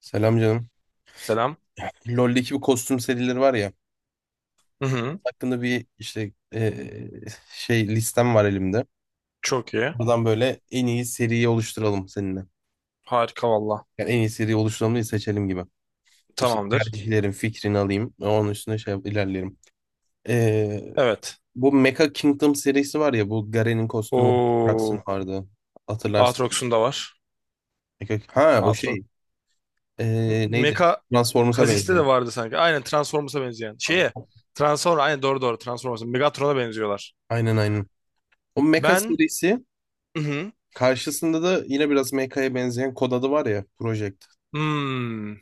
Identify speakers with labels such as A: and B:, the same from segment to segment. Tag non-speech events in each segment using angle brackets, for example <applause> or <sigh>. A: Selam canım.
B: Selam.
A: LoL'deki bu kostüm serileri var ya.
B: Hı hı.
A: Hakkında bir işte şey listem var elimde.
B: Çok iyi.
A: Buradan böyle en iyi seriyi oluşturalım seninle.
B: Harika valla.
A: Yani en iyi seriyi oluşturalım diye seçelim gibi. İşte
B: Tamamdır.
A: tercihlerin fikrini alayım. Onun üstüne ilerleyelim. Eee,
B: Evet.
A: bu Mecha Kingdom serisi var ya. Bu Garen'in kostümü vardı.
B: Oo.
A: Jax'ın vardı. Hatırlarsın.
B: Aatrox'un da var.
A: Ha o
B: Aatrox.
A: şey. Neydi?
B: Mecha
A: Transformers'a
B: Kha'Zix'te
A: benziyor.
B: de vardı sanki. Aynen Transformers'a benzeyen. Şeye. Transformers. Aynen doğru doğru Transformers'a. Megatron'a benziyorlar.
A: Aynen. O Mecha
B: Ben
A: serisi
B: hı hı.
A: karşısında da yine biraz MK'ya benzeyen kod adı var ya. Project.
B: Hmm.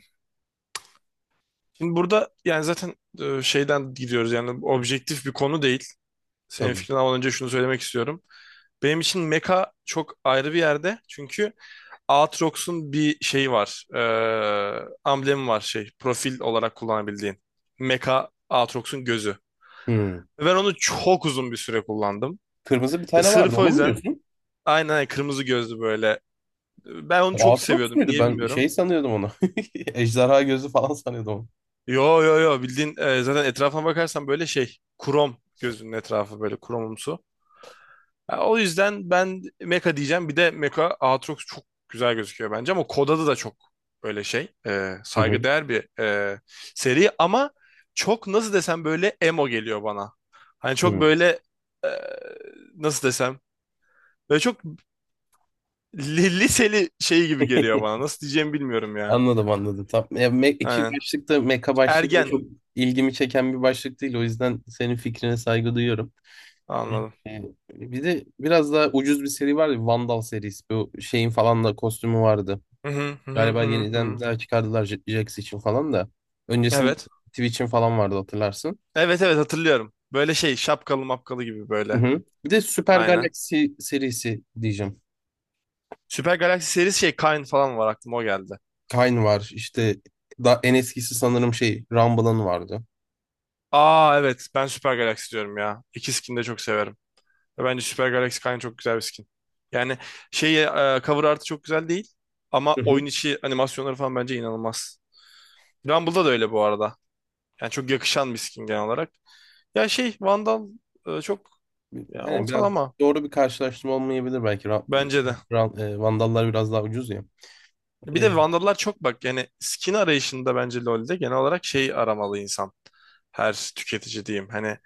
B: Şimdi burada yani zaten şeyden gidiyoruz, yani objektif bir konu değil. Senin
A: Tabii.
B: fikrini almadan önce şunu söylemek istiyorum. Benim için Mecha çok ayrı bir yerde. Çünkü Aatrox'un bir şeyi var. Amblemi var şey. Profil olarak kullanabildiğin. Mecha Aatrox'un gözü.
A: Hmm.
B: Ve ben onu çok uzun bir süre kullandım.
A: Kırmızı bir
B: E,
A: tane vardı.
B: sırf o
A: Onu mu
B: yüzden,
A: diyorsun?
B: aynen aynen, kırmızı gözlü böyle. Ben onu
A: O
B: çok
A: Aatrox
B: seviyordum.
A: muydu?
B: Niye
A: Ben
B: bilmiyorum.
A: şey sanıyordum onu. <laughs> Ejderha gözü falan sanıyordum onu.
B: Yo yo yo, bildiğin zaten etrafına bakarsan böyle şey. Krom, gözünün etrafı böyle kromumsu. Ha, o yüzden ben Mecha diyeceğim. Bir de Mecha Aatrox çok güzel gözüküyor bence, ama kod adı da çok böyle şey,
A: Hı hı.
B: saygıdeğer bir seri, ama çok nasıl desem böyle emo geliyor bana. Hani çok
A: Hı.
B: böyle e, nasıl desem böyle çok liseli şey gibi geliyor
A: <laughs>
B: bana. Nasıl diyeceğimi bilmiyorum ya.
A: Anladım. Tam, ya, iki
B: Aynen.
A: başlıkta meka başlığı
B: Ergen,
A: çok ilgimi çeken bir başlık değil. O yüzden senin fikrine saygı duyuyorum.
B: anladım.
A: Ee, Bir de biraz daha ucuz bir seri vardı. Vandal serisi. Bu şeyin falan da kostümü vardı.
B: Hı hı, hı
A: Galiba
B: hı, hı
A: yeniden
B: hı.
A: daha çıkardılar Jax için falan da. Öncesinde
B: Evet.
A: Twitch'in falan vardı hatırlarsın.
B: Evet evet, hatırlıyorum. Böyle şey, şapkalı mapkalı gibi
A: Hı
B: böyle.
A: hı. Bir de Super
B: Aynen.
A: Galaxy serisi diyeceğim.
B: Süper Galaxy serisi, şey Kain falan var, aklıma o geldi.
A: Kayn var işte da en eskisi sanırım şey Rumble'ın vardı.
B: Aa evet, ben Süper Galaxy diyorum ya. İki skin de çok severim. Ve bence Süper Galaxy Kayn çok güzel bir skin. Yani şey, cover art'ı çok güzel değil ama
A: Hı hı.
B: oyun içi animasyonları falan bence inanılmaz. Rumble'da da öyle bu arada. Yani çok yakışan bir skin genel olarak. Ya şey, Vandal çok ya,
A: Yani biraz
B: ortalama
A: doğru bir karşılaştırma olmayabilir belki.
B: bence de.
A: Vandallar biraz daha ucuz ya.
B: Bir
A: E,
B: de Vandal'lar çok, bak yani skin arayışında bence LoL'de genel olarak şey aramalı insan. Her tüketici diyeyim. Hani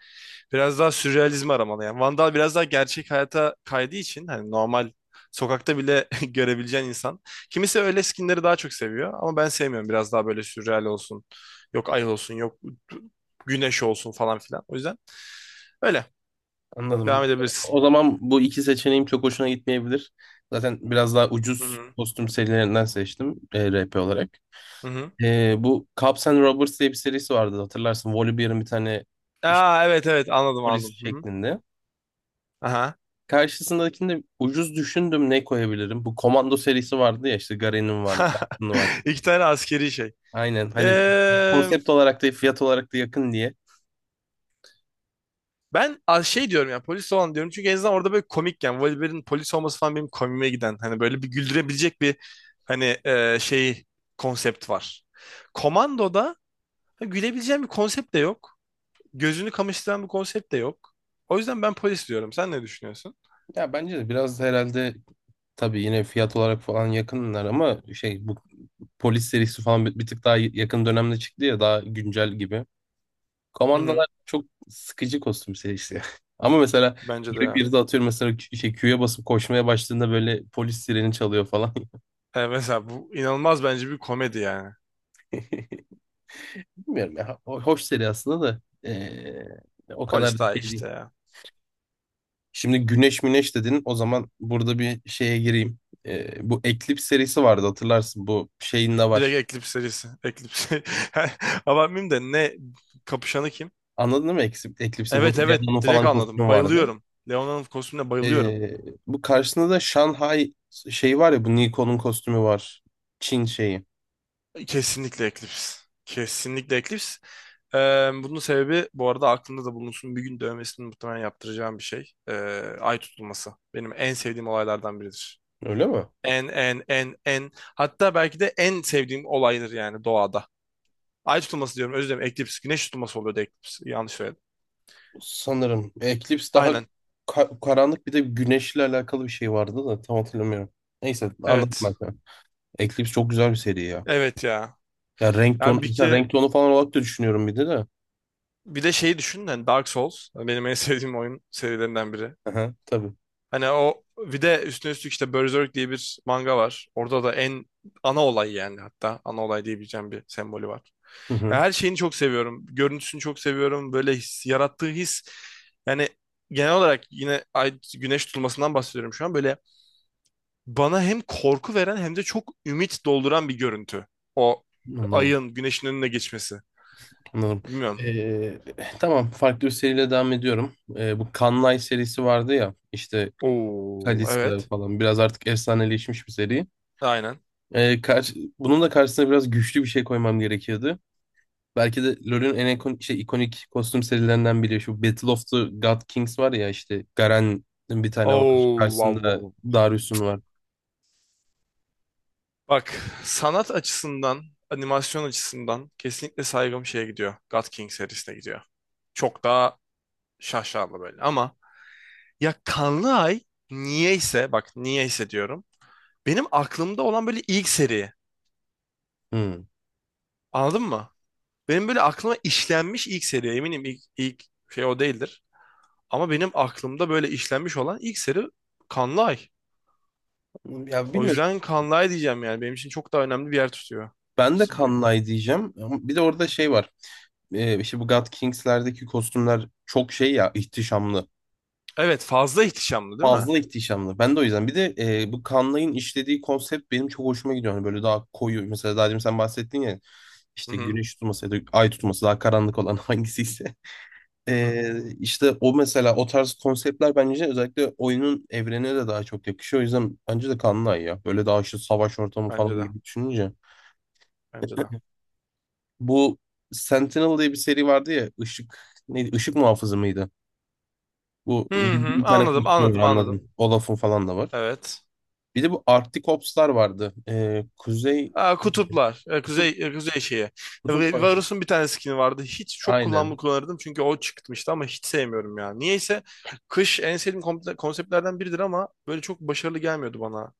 B: biraz daha sürrealizm aramalı yani. Vandal biraz daha gerçek hayata kaydığı için, hani normal sokakta bile <laughs> görebileceğin insan. Kimisi öyle skinleri daha çok seviyor ama ben sevmiyorum. Biraz daha böyle sürreal olsun. Yok ay olsun, yok güneş olsun falan filan. O yüzden öyle,
A: anladım.
B: devam edebilirsin.
A: O zaman bu iki seçeneğim çok hoşuna gitmeyebilir. Zaten biraz daha
B: Hı
A: ucuz
B: hı.
A: kostüm serilerinden seçtim RP olarak.
B: Hı hı.
A: Bu Cops and Robbers diye bir serisi vardı hatırlarsın. Volibear'ın bir tane iş-
B: Aa evet evet, anladım
A: polis
B: anladım. Hı hı.
A: şeklinde.
B: Aha.
A: Karşısındakinde ucuz düşündüm ne koyabilirim. Bu Komando serisi vardı ya işte Garen'in var, Lachlan'ın
B: <laughs>
A: var.
B: İki tane askeri şey.
A: Aynen hani
B: Ee,
A: konsept olarak da fiyat olarak da yakın diye.
B: Ben az şey diyorum, yani polis olan diyorum, çünkü en azından orada böyle komik yani, Wolverine'in polis olması falan benim komiğime giden, hani böyle bir güldürebilecek bir, hani şey konsept var. Komando'da, ha, gülebileceğim bir konsept de yok. Gözünü kamaştıran bir konsept de yok. O yüzden ben polis diyorum. Sen ne düşünüyorsun?
A: Ya bence de biraz herhalde tabii yine fiyat olarak falan yakınlar ama şey bu polis serisi falan bir tık daha yakın dönemde çıktı ya daha güncel gibi.
B: Hı hı.
A: Komandalar çok sıkıcı kostüm serisi ya. <laughs> Ama mesela
B: Bence de
A: böyle bir
B: ya.
A: de atıyorum mesela Q'ya basıp koşmaya başladığında böyle polis sireni çalıyor falan.
B: Mesela bu inanılmaz bence bir komedi yani.
A: <laughs> Bilmiyorum ya. Hoş seri aslında da ee, o kadar da
B: Polis daha iyi
A: şey değil.
B: işte ya.
A: Şimdi Güneş Müneş dedin. O zaman burada bir şeye gireyim. Bu Eclipse serisi vardı hatırlarsın. Bu şeyin de
B: Direkt
A: var.
B: Eclipse serisi. Eclipse. <laughs> Abartmayayım da, ne kapışanı kim?
A: Anladın mı Eclipse? Eclipse bu
B: Evet evet,
A: Leon'un
B: direkt
A: falan
B: anladım.
A: kostümü vardı.
B: Bayılıyorum. Leona'nın kostümüne bayılıyorum.
A: Ee, bu karşısında da Shanghai şey var ya bu Nikon'un kostümü var. Çin şeyi.
B: Kesinlikle Eclipse. Kesinlikle Eclipse. Bunun sebebi bu arada aklımda da bulunsun. Bir gün dövmesini muhtemelen yaptıracağım bir şey. Ay tutulması. Benim en sevdiğim olaylardan biridir.
A: Öyle mi?
B: En en en en. Hatta belki de en sevdiğim olaydır yani doğada. Ay tutulması diyorum, özür dilerim. Eclipse. Güneş tutulması oluyordu Eclipse. Yanlış söyledim.
A: Sanırım. Eclipse daha
B: Aynen.
A: karanlık bir de güneşle alakalı bir şey vardı da tam hatırlamıyorum. Neyse anladım
B: Evet.
A: ben. Sana. Eclipse çok güzel bir seri ya.
B: Evet ya.
A: Ya renk tonu,
B: Ya bir
A: mesela
B: kere,
A: renk tonu falan olarak da düşünüyorum bir de de.
B: bir de şeyi düşün, hani Dark Souls benim en <laughs> sevdiğim oyun serilerinden biri.
A: Aha, tabii.
B: Hani o, bir de üstüne üstlük işte Berserk diye bir manga var. Orada da en ana olay, yani hatta ana olay diyebileceğim bir sembolü var.
A: Hı
B: Ya
A: hı,
B: her şeyini çok seviyorum. Görüntüsünü çok seviyorum. Böyle his, yarattığı his yani, genel olarak yine ay güneş tutulmasından bahsediyorum şu an. Böyle bana hem korku veren hem de çok ümit dolduran bir görüntü. O,
A: anladım.
B: ayın güneşin önüne geçmesi.
A: Anladım.
B: Bilmiyorum.
A: Ee, tamam farklı bir seriyle devam ediyorum. Bu Kanlay serisi vardı ya işte
B: Oo,
A: Kalista
B: evet.
A: falan biraz artık efsaneleşmiş bir seri.
B: Aynen.
A: Bunun da karşısına biraz güçlü bir şey koymam gerekiyordu. Belki de LoL'ün en ikonik kostüm serilerinden biri. Şu Battle of the God Kings var ya işte Garen'in bir tane var.
B: Oo, wow, wow,
A: Karşısında
B: wow.
A: Darius'un var.
B: Bak, sanat açısından, animasyon açısından kesinlikle saygım şeye gidiyor. God King serisine gidiyor. Çok daha şaşalı böyle, ama ya Kanlı Ay, niyeyse bak, niyeyse diyorum. Benim aklımda olan böyle ilk seri.
A: Hmm.
B: Anladın mı? Benim böyle aklıma işlenmiş ilk seri. Eminim ilk şey o değildir. Ama benim aklımda böyle işlenmiş olan ilk seri Kanlı Ay.
A: Ya
B: O
A: bilmiyorum.
B: yüzden Kanlay diyeceğim yani. Benim için çok daha önemli bir yer tutuyor.
A: Ben de Kanlay diyeceğim. Ama bir de orada şey var. İşte bu God Kings'lerdeki kostümler çok şey ya, ihtişamlı.
B: Evet, fazla ihtişamlı değil mi?
A: Fazla ihtişamlı. Ben de o yüzden. Bir de bu Kanlay'ın işlediği konsept benim çok hoşuma gidiyor. Hani böyle daha koyu. Mesela daha demin sen bahsettin ya
B: Hı
A: işte
B: hı.
A: güneş tutması ya da ay tutması daha karanlık olan <laughs> hangisiyse.
B: Hı hı.
A: İşte o mesela o tarz konseptler bence özellikle oyunun evrenine de daha çok yakışıyor. O yüzden bence de Kanlı Ay ya. Böyle daha işte savaş ortamı falan
B: Bence de.
A: gibi düşününce.
B: Bence de.
A: Bu Sentinel diye bir seri vardı ya. Işık neydi? Işık muhafızı mıydı? Bu
B: Hı hı.
A: bir tane
B: Anladım
A: kostümü var
B: anladım anladım.
A: anladım. Olaf'ın falan da var.
B: Evet.
A: Bir de bu Arctic Ops'lar vardı. Kuzey
B: Aa, kutuplar. Ee,
A: Kutup,
B: Kuzey, e, kuzey şeyi.
A: kutup aşı-
B: Varus'un bir tane skin'i vardı. Hiç, çok kullanımlı
A: Aynen.
B: kullanırdım çünkü o çıkmıştı, ama hiç sevmiyorum ya. Niyeyse kış en sevdiğim konseptlerden biridir, ama böyle çok başarılı gelmiyordu bana.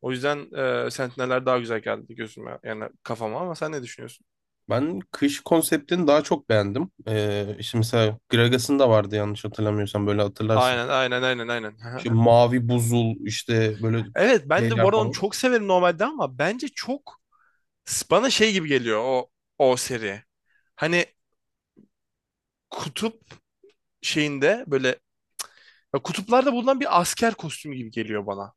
B: O yüzden Sentineller daha güzel geldi gözüme yani kafama, ama sen ne düşünüyorsun?
A: Ben kış konseptini daha çok beğendim. İşte mesela Gragas'ın da vardı yanlış hatırlamıyorsam böyle hatırlarsın.
B: Aynen aynen aynen aynen.
A: İşte
B: <laughs>
A: mavi buzul işte böyle
B: Evet, ben de bu
A: şeyler
B: arada onu
A: falan.
B: çok severim normalde, ama bence çok bana şey gibi geliyor o seri. Hani kutup şeyinde böyle, ya kutuplarda bulunan bir asker kostümü gibi geliyor bana.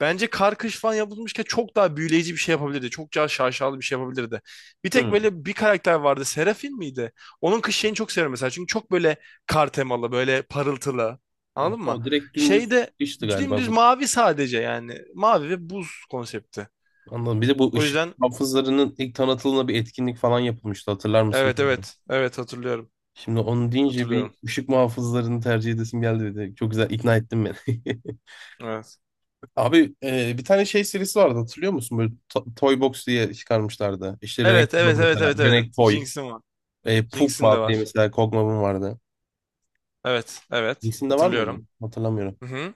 B: Bence kar kış falan yapılmışken çok daha büyüleyici bir şey yapabilirdi. Çok daha şaşalı bir şey yapabilirdi. Bir tek
A: Hı.
B: böyle bir karakter vardı. Serafin miydi? Onun kış şeyini çok seviyorum mesela. Çünkü çok böyle kar temalı, böyle parıltılı.
A: Ha,
B: Anladın mı?
A: o direkt dümdüz
B: Şeyde
A: işti galiba
B: dümdüz
A: bu.
B: mavi sadece yani. Mavi ve buz konsepti.
A: Anladım. Bir de bu
B: O
A: ışık
B: yüzden.
A: muhafızlarının ilk tanıtılığında bir etkinlik falan yapılmıştı. Hatırlar mısın
B: Evet
A: bilmiyorum.
B: evet. Evet, hatırlıyorum.
A: Şimdi onu deyince bir
B: Hatırlıyorum.
A: ışık muhafızlarını tercih edesim geldi dedi. Çok güzel ikna ettin beni. <laughs>
B: Evet.
A: Abi bir tane şey serisi vardı hatırlıyor musun? Böyle Toy Box diye çıkarmışlardı. İşte Renek
B: Evet evet evet
A: mesela.
B: evet evet. Evet.
A: Renek Toy.
B: Jinx'in var. Jinx'in de
A: Pugma diye
B: var.
A: mesela Kogma'nın vardı.
B: Evet evet.
A: İkisinde var mıydı?
B: Hatırlıyorum.
A: Hatırlamıyorum.
B: Hı hı.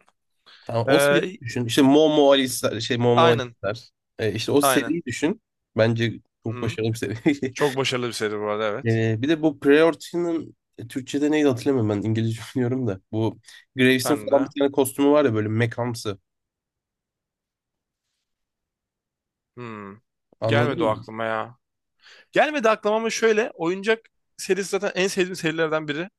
A: Tamam o
B: Ee,
A: seriyi düşün. İşte Momo Alice'ler, şey Momo
B: aynen.
A: Alice'ler. İşte o
B: Aynen.
A: seriyi düşün. Bence
B: Hı
A: çok
B: hı.
A: başarılı bir seri. <laughs>
B: Çok başarılı bir seri bu arada, evet.
A: Bir de bu Priority'nin Türkçe'de neydi hatırlamıyorum ben. İngilizce <laughs> biliyorum da. Bu Graves'in
B: Ben
A: falan
B: de.
A: bir tane kostümü var ya böyle mekamsı.
B: Hmm.
A: Anladın
B: Gelmedi o
A: mı?
B: aklıma ya. Gelmedi aklıma, ama şöyle. Oyuncak serisi zaten en sevdiğim serilerden biri.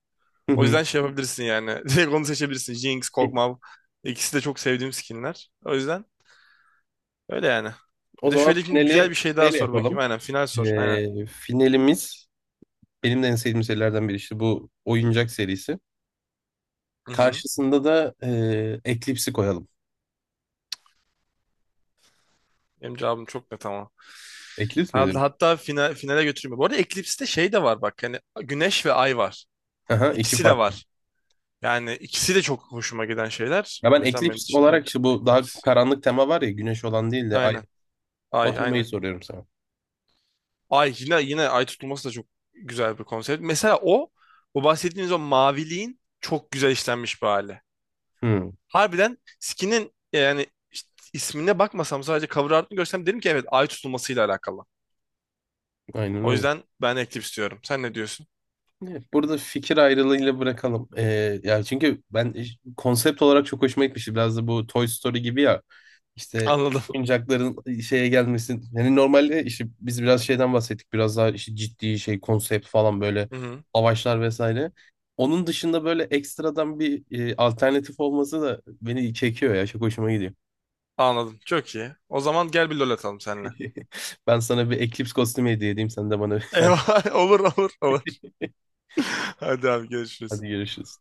A: Hı
B: O
A: hı.
B: yüzden şey yapabilirsin yani. <laughs> Direkt onu seçebilirsin. Jinx,
A: <laughs>
B: Kog'Maw. İkisi de çok sevdiğim skinler. O yüzden öyle yani.
A: O
B: Bir de
A: zaman
B: şöyle, şimdi güzel
A: finali
B: bir şey daha
A: neyle
B: sor bakayım.
A: yapalım?
B: Aynen, final sor. Aynen.
A: Finalimiz benim de en sevdiğim serilerden biri işte bu oyuncak serisi.
B: Hı hı.
A: Karşısında da Eclipse'i koyalım.
B: Benim cevabım çok net ama.
A: Eclipse mi
B: Herhalde
A: diyor?
B: hatta final, finale götürüyor. Bu arada Eclipse'de şey de var bak. Yani güneş ve ay var.
A: Aha, iki
B: İkisi de
A: farklı.
B: var. Yani ikisi de çok hoşuma giden şeyler.
A: Ya
B: O
A: ben
B: yüzden benim
A: eklips
B: için direkt
A: olarak işte bu daha
B: Eclipse.
A: karanlık tema var ya güneş olan değil de ay.
B: Aynen.
A: O
B: Ay,
A: temayı
B: aynen.
A: soruyorum sana.
B: Ay yine yine, ay tutulması da çok güzel bir konsept. Mesela o bahsettiğiniz o maviliğin çok güzel işlenmiş bir hali.
A: Hmm,
B: Harbiden skinin yani, işte ismine bakmasam sadece cover art'ını görsem derim ki evet, ay tutulmasıyla alakalı.
A: aynen
B: O
A: öyle.
B: yüzden ben Eclipse diyorum. Sen ne diyorsun?
A: Evet, burada fikir ayrılığıyla bırakalım. Ya çünkü ben konsept olarak çok hoşuma gitmişti. Biraz da bu Toy Story gibi ya. İşte
B: Anladım.
A: oyuncakların şeye gelmesi. Yani normalde işte biz biraz şeyden bahsettik. Biraz daha işte ciddi şey konsept falan böyle
B: Hı hı.
A: savaşlar vesaire. Onun dışında böyle ekstradan bir alternatif olması da beni çekiyor ya. Çok hoşuma gidiyor.
B: Anladım. Çok iyi. O zaman gel bir LoL atalım seninle.
A: <laughs> Ben sana bir Eclipse kostümü hediye edeyim. Sen de bana bir tane.
B: Eyvah. <laughs> Olur olur olur. <laughs> Hadi abi,
A: Hadi
B: görüşürüz.
A: görüşürüz.